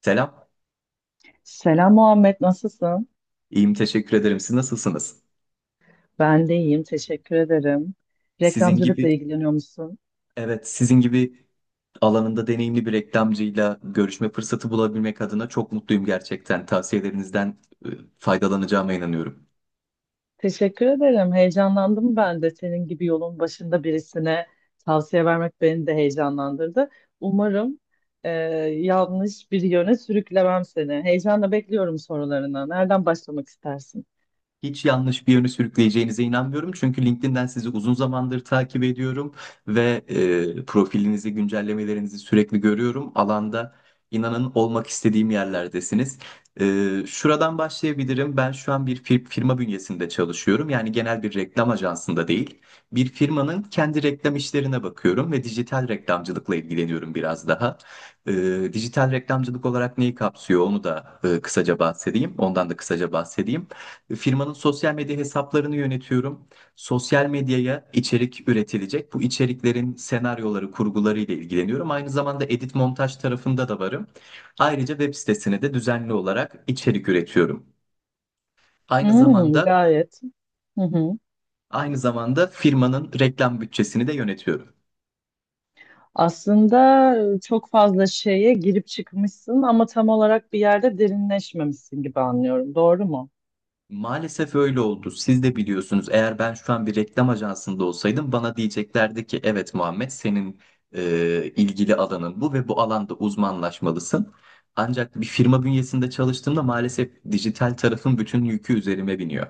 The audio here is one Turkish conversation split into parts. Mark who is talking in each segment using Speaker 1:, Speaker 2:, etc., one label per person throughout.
Speaker 1: Selam.
Speaker 2: Selam Muhammed, nasılsın?
Speaker 1: İyiyim, teşekkür ederim. Siz nasılsınız?
Speaker 2: Ben de iyiyim, teşekkür ederim.
Speaker 1: Sizin gibi,
Speaker 2: Reklamcılıkla ilgileniyor musun?
Speaker 1: evet, sizin gibi alanında deneyimli bir reklamcıyla görüşme fırsatı bulabilmek adına çok mutluyum gerçekten. Tavsiyelerinizden e, faydalanacağıma inanıyorum.
Speaker 2: Teşekkür ederim, heyecanlandım ben de. Senin gibi yolun başında birisine tavsiye vermek beni de heyecanlandırdı. Umarım e, yanlış bir yöne sürüklemem seni. Heyecanla bekliyorum sorularına. Nereden başlamak istersin?
Speaker 1: Hiç yanlış bir yöne sürükleyeceğinize inanmıyorum. Çünkü LinkedIn'den sizi uzun zamandır takip ediyorum ve profilinizi, güncellemelerinizi sürekli görüyorum. Alanda inanın olmak istediğim yerlerdesiniz. Şuradan başlayabilirim. Ben şu an bir firma bünyesinde çalışıyorum. Yani genel bir reklam ajansında değil. Bir firmanın kendi reklam işlerine bakıyorum ve dijital reklamcılıkla ilgileniyorum biraz daha. Dijital reklamcılık olarak neyi kapsıyor onu da kısaca bahsedeyim. Ondan da kısaca bahsedeyim. Firmanın sosyal medya hesaplarını yönetiyorum. Sosyal medyaya içerik üretilecek. Bu içeriklerin senaryoları, kurguları ile ilgileniyorum. Aynı zamanda edit montaj tarafında da varım. Ayrıca web sitesine de düzenli olarak içerik üretiyorum. Aynı
Speaker 2: Hmm,
Speaker 1: zamanda
Speaker 2: gayet. Hı hı.
Speaker 1: aynı zamanda firmanın reklam bütçesini de yönetiyorum.
Speaker 2: Aslında çok fazla şeye girip çıkmışsın ama tam olarak bir yerde derinleşmemişsin gibi anlıyorum. Doğru mu?
Speaker 1: Maalesef öyle oldu. Siz de biliyorsunuz. Eğer ben şu an bir reklam ajansında olsaydım bana diyeceklerdi ki evet Muhammed senin ilgili alanın bu ve bu alanda uzmanlaşmalısın. Ancak bir firma bünyesinde çalıştığımda maalesef dijital tarafın bütün yükü üzerime biniyor.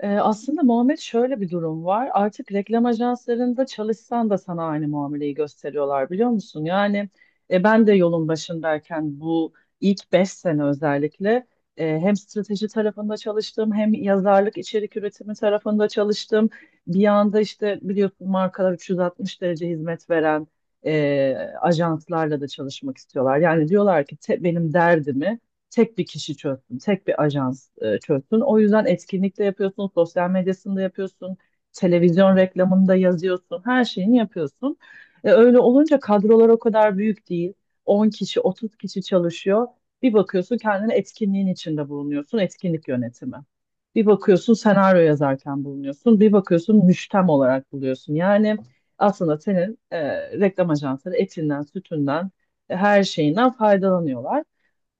Speaker 2: Aslında Muhammed şöyle bir durum var. Artık reklam ajanslarında çalışsan da sana aynı muameleyi gösteriyorlar biliyor musun? Yani ben de yolun başındayken bu ilk 5 sene özellikle hem strateji tarafında çalıştım hem yazarlık içerik üretimi tarafında çalıştım. Bir anda işte biliyorsun markalar 360 derece hizmet veren e, ajanslarla da çalışmak istiyorlar. Yani diyorlar ki benim derdimi tek bir kişi çözsün, tek bir ajans çözsün. O yüzden etkinlikte yapıyorsun, sosyal medyasında yapıyorsun, televizyon reklamında yazıyorsun, her şeyini yapıyorsun. Öyle olunca kadrolar o kadar büyük değil. 10 kişi, 30 kişi çalışıyor. Bir bakıyorsun kendini etkinliğin içinde bulunuyorsun, etkinlik yönetimi. Bir bakıyorsun senaryo yazarken bulunuyorsun, bir bakıyorsun müştem olarak buluyorsun. Yani aslında senin reklam ajansları etinden, sütünden, her şeyinden faydalanıyorlar.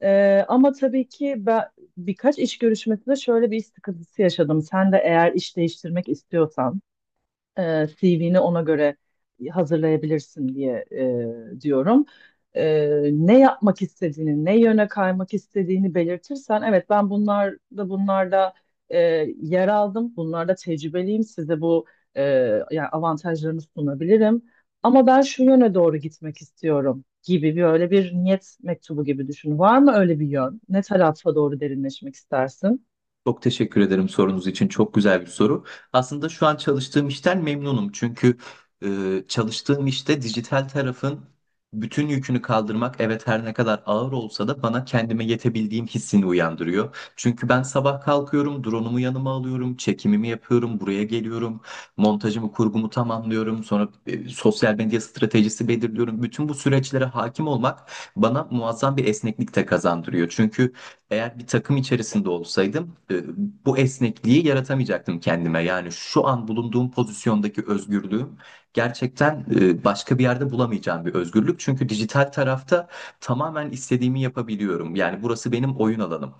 Speaker 2: Ama tabii ki ben birkaç iş görüşmesinde şöyle bir iş sıkıntısı yaşadım. Sen de eğer iş değiştirmek istiyorsan CV'ni ona göre hazırlayabilirsin diye diyorum. E, Ne yapmak istediğini, ne yöne kaymak istediğini belirtirsen, evet ben bunlarda e, yer aldım, bunlarda tecrübeliyim, size bu e, yani avantajlarını sunabilirim. Ama ben şu yöne doğru gitmek istiyorum gibi bir öyle bir niyet mektubu gibi düşün. Var mı öyle bir yön? Ne tarafa doğru derinleşmek istersin?
Speaker 1: Çok teşekkür ederim sorunuz için. Çok güzel bir soru. Aslında şu an çalıştığım işten memnunum. Çünkü çalıştığım işte dijital tarafın bütün yükünü kaldırmak evet her ne kadar ağır olsa da bana kendime yetebildiğim hissini uyandırıyor. Çünkü ben sabah kalkıyorum, drone'umu yanıma alıyorum, çekimimi yapıyorum, buraya geliyorum, montajımı, kurgumu tamamlıyorum, sonra sosyal medya stratejisi belirliyorum. Bütün bu süreçlere hakim olmak bana muazzam bir esneklik de kazandırıyor. Çünkü eğer bir takım içerisinde olsaydım bu esnekliği yaratamayacaktım kendime. Yani şu an bulunduğum pozisyondaki özgürlüğüm gerçekten başka bir yerde bulamayacağım bir özgürlük. Çünkü dijital tarafta tamamen istediğimi yapabiliyorum. Yani burası benim oyun alanım.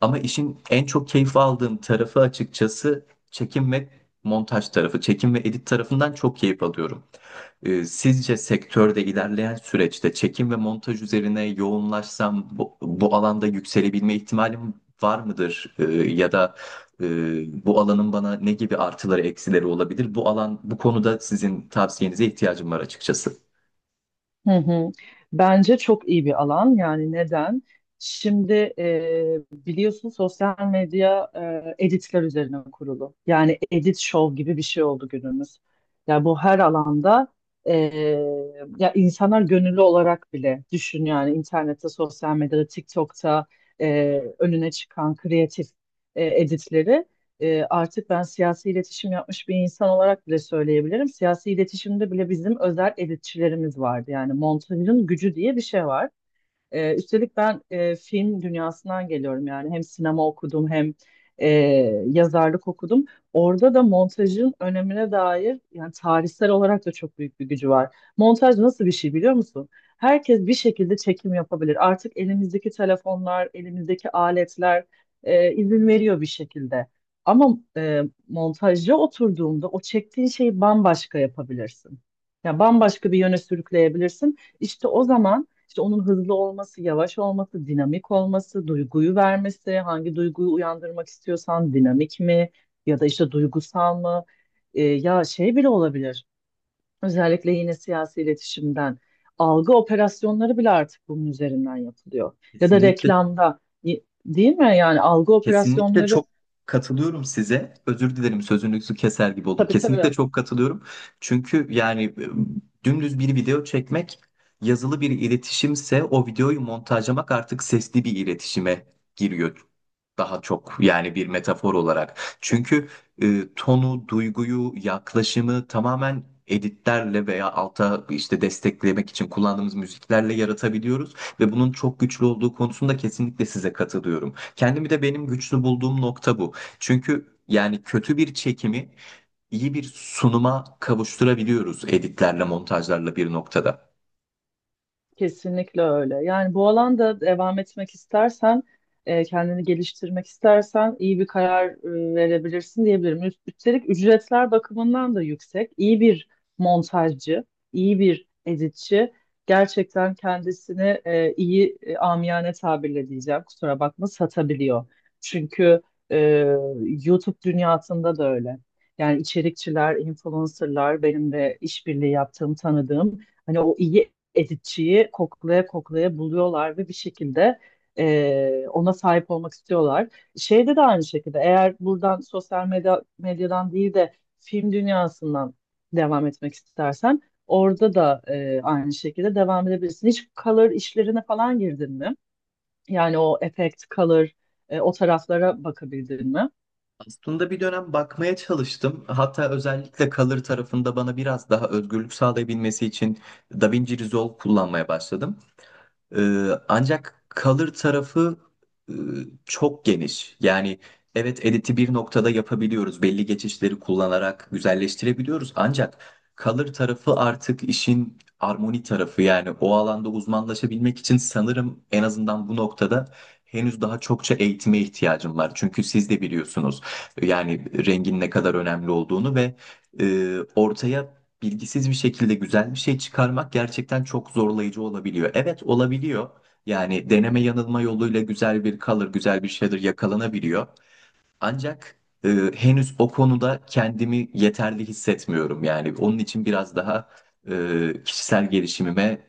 Speaker 1: Ama işin en çok keyif aldığım tarafı açıkçası çekim ve montaj tarafı, çekim ve edit tarafından çok keyif alıyorum. Sizce sektörde ilerleyen süreçte çekim ve montaj üzerine yoğunlaşsam bu alanda yükselebilme ihtimalim var mıdır? Ya da e, bu alanın bana ne gibi artıları eksileri olabilir? Bu alan bu konuda sizin tavsiyenize ihtiyacım var açıkçası.
Speaker 2: Hı hı. Bence çok iyi bir alan. Yani neden? Şimdi biliyorsun sosyal medya editler üzerine kurulu. Yani edit show gibi bir şey oldu günümüz. Ya bu her alanda e, ya insanlar gönüllü olarak bile düşün yani internette, sosyal medyada, TikTok'ta önüne çıkan kreatif editleri artık ben siyasi iletişim yapmış bir insan olarak bile söyleyebilirim. Siyasi iletişimde bile bizim özel editçilerimiz vardı. Yani montajın gücü diye bir şey var. Üstelik ben film dünyasından geliyorum yani hem sinema okudum hem e, yazarlık okudum. Orada da montajın önemine dair yani tarihsel olarak da çok büyük bir gücü var. Montaj nasıl bir şey biliyor musun? Herkes bir şekilde çekim yapabilir. Artık elimizdeki telefonlar, elimizdeki aletler izin veriyor bir şekilde. Ama montajcı oturduğunda o çektiğin şeyi bambaşka yapabilirsin. Yani bambaşka bir yöne sürükleyebilirsin. İşte o zaman işte onun hızlı olması, yavaş olması, dinamik olması, duyguyu vermesi, hangi duyguyu uyandırmak istiyorsan dinamik mi ya da işte duygusal mı? Ya şey bile olabilir. Özellikle yine siyasi iletişimden algı operasyonları bile artık bunun üzerinden yapılıyor. Ya da
Speaker 1: Kesinlikle
Speaker 2: reklamda değil mi? Yani algı
Speaker 1: Kesinlikle
Speaker 2: operasyonları
Speaker 1: çok katılıyorum size. Özür dilerim sözünüzü keser gibi oldum.
Speaker 2: tabii
Speaker 1: Kesinlikle
Speaker 2: tabii.
Speaker 1: çok katılıyorum. Çünkü yani dümdüz bir video çekmek yazılı bir iletişimse o videoyu montajlamak artık sesli bir iletişime giriyor. Daha çok yani bir metafor olarak. Çünkü tonu, duyguyu, yaklaşımı tamamen editlerle veya alta işte desteklemek için kullandığımız müziklerle yaratabiliyoruz ve bunun çok güçlü olduğu konusunda kesinlikle size katılıyorum. Kendimi de benim güçlü bulduğum nokta bu. Çünkü yani kötü bir çekimi iyi bir sunuma kavuşturabiliyoruz editlerle, montajlarla bir noktada.
Speaker 2: Kesinlikle öyle. Yani bu alanda devam etmek istersen, kendini geliştirmek istersen iyi bir karar verebilirsin diyebilirim. Üstelik ücretler bakımından da yüksek. İyi bir montajcı, iyi bir editçi gerçekten kendisini iyi amiyane tabirle diyeceğim. Kusura bakma satabiliyor. Çünkü e, YouTube dünyasında da öyle. Yani içerikçiler, influencerlar, benim de işbirliği yaptığım, tanıdığım hani o iyi editçiyi koklaya koklaya buluyorlar ve bir şekilde ona sahip olmak istiyorlar. Şeyde de aynı şekilde eğer buradan sosyal medya, medyadan değil de film dünyasından devam etmek istersen orada da aynı şekilde devam edebilirsin. Hiç color işlerine falan girdin mi? Yani o efekt, color o taraflara bakabildin mi?
Speaker 1: Aslında bir dönem bakmaya çalıştım. Hatta özellikle Color tarafında bana biraz daha özgürlük sağlayabilmesi için DaVinci Resolve kullanmaya başladım. Ancak kalır tarafı e, çok geniş. Yani evet editi bir noktada yapabiliyoruz. Belli geçişleri kullanarak güzelleştirebiliyoruz. Ancak kalır tarafı artık işin armoni tarafı. Yani o alanda uzmanlaşabilmek için sanırım en azından bu noktada henüz daha çokça eğitime ihtiyacım var. Çünkü siz de biliyorsunuz yani rengin ne kadar önemli olduğunu ve ortaya bilgisiz bir şekilde güzel bir şey çıkarmak gerçekten çok zorlayıcı olabiliyor. Evet olabiliyor. Yani deneme yanılma yoluyla güzel bir kalır, güzel bir şeyler yakalanabiliyor. Ancak e, henüz o konuda kendimi yeterli hissetmiyorum. Yani onun için biraz daha kişisel gelişimime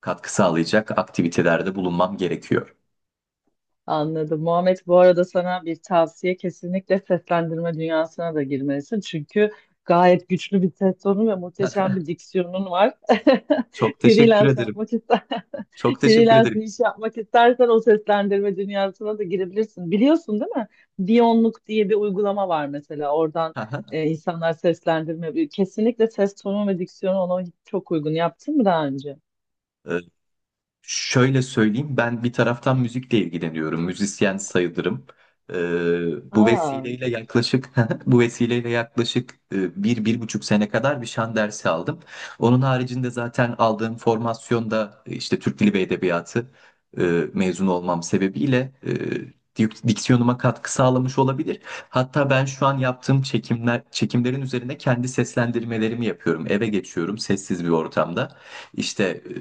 Speaker 1: katkı sağlayacak aktivitelerde bulunmam gerekiyor.
Speaker 2: Anladım. Muhammed bu arada sana bir tavsiye kesinlikle seslendirme dünyasına da girmelisin. Çünkü gayet güçlü bir ses tonu ve muhteşem bir diksiyonun var.
Speaker 1: Çok teşekkür
Speaker 2: Freelance
Speaker 1: ederim.
Speaker 2: yapmak ister,
Speaker 1: Çok teşekkür
Speaker 2: freelance bir
Speaker 1: ederim.
Speaker 2: iş yapmak istersen o seslendirme dünyasına da girebilirsin. Biliyorsun değil mi? Diyonluk diye bir uygulama var mesela. Oradan insanlar seslendirme. Kesinlikle ses tonu ve diksiyonu ona çok uygun. Yaptın mı daha önce?
Speaker 1: Şöyle söyleyeyim, ben bir taraftan müzikle ilgileniyorum. Müzisyen sayılırım. Ee, Bu
Speaker 2: Aa.
Speaker 1: vesileyle yaklaşık bu vesileyle yaklaşık bir buçuk sene kadar bir şan dersi aldım. Onun haricinde zaten aldığım formasyonda işte Türk Dili ve Edebiyatı e, mezun olmam sebebiyle diksiyonuma katkı sağlamış olabilir. Hatta ben şu an yaptığım çekimlerin üzerine kendi seslendirmelerimi yapıyorum. Eve geçiyorum sessiz bir ortamda. İşte e,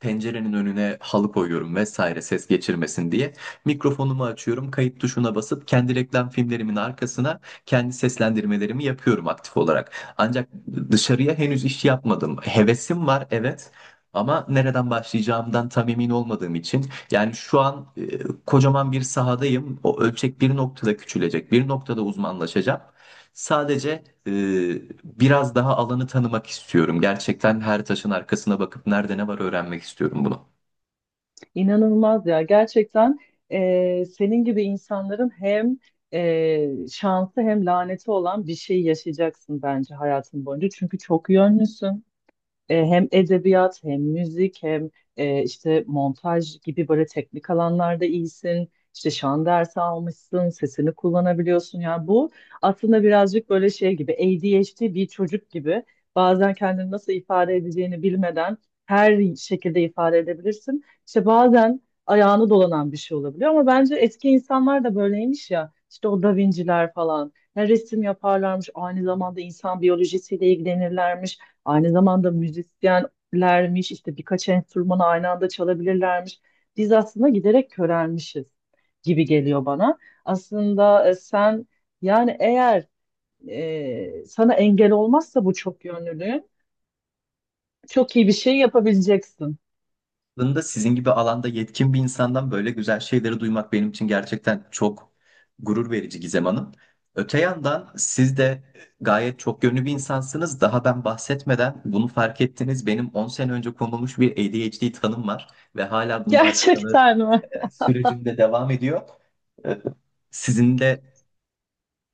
Speaker 1: pencerenin önüne halı koyuyorum vesaire ses geçirmesin diye. Mikrofonumu açıyorum, kayıt tuşuna basıp kendi reklam filmlerimin arkasına kendi seslendirmelerimi yapıyorum aktif olarak. Ancak dışarıya henüz iş yapmadım. Hevesim var evet. Ama nereden başlayacağımdan tam emin olmadığım için yani şu an kocaman bir sahadayım. O ölçek bir noktada küçülecek, bir noktada uzmanlaşacağım. Sadece biraz daha alanı tanımak istiyorum. Gerçekten her taşın arkasına bakıp nerede ne var öğrenmek istiyorum bunu.
Speaker 2: İnanılmaz ya gerçekten senin gibi insanların hem şansı hem laneti olan bir şey yaşayacaksın bence hayatın boyunca. Çünkü çok yönlüsün hem edebiyat hem müzik hem işte montaj gibi böyle teknik alanlarda iyisin. İşte şan dersi almışsın, sesini kullanabiliyorsun. Yani bu aslında birazcık böyle şey gibi ADHD bir çocuk gibi bazen kendini nasıl ifade edeceğini bilmeden her şekilde ifade edebilirsin. İşte bazen ayağını dolanan bir şey olabiliyor ama bence eski insanlar da böyleymiş ya. İşte o Da Vinci'ler falan. Ya resim yaparlarmış, aynı zamanda insan biyolojisiyle ilgilenirlermiş. Aynı zamanda müzisyenlermiş, işte birkaç enstrümanı aynı anda çalabilirlermiş. Biz aslında giderek körelmişiz gibi geliyor bana. Aslında sen yani eğer sana engel olmazsa bu çok yönlülüğün çok iyi bir şey yapabileceksin.
Speaker 1: Aslında sizin gibi alanda yetkin bir insandan böyle güzel şeyleri duymak benim için gerçekten çok gurur verici Gizem Hanım. Öte yandan siz de gayet çok yönlü bir insansınız. Daha ben bahsetmeden bunu fark ettiniz. Benim 10 sene önce konulmuş bir ADHD tanım var ve hala bununla alakalı
Speaker 2: Gerçekten mi?
Speaker 1: sürecimde devam ediyor. E, Sizin de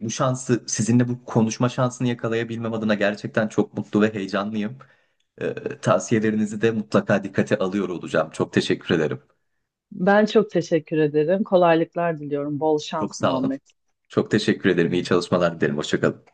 Speaker 1: bu şansı sizinle bu konuşma şansını yakalayabilmem adına gerçekten çok mutlu ve heyecanlıyım. Ee, Tavsiyelerinizi de mutlaka dikkate alıyor olacağım. Çok teşekkür ederim.
Speaker 2: Ben çok teşekkür ederim. Kolaylıklar diliyorum. Bol
Speaker 1: Çok
Speaker 2: şans
Speaker 1: sağ olun.
Speaker 2: Muhammed.
Speaker 1: Çok teşekkür ederim. İyi çalışmalar dilerim. Hoşça kalın.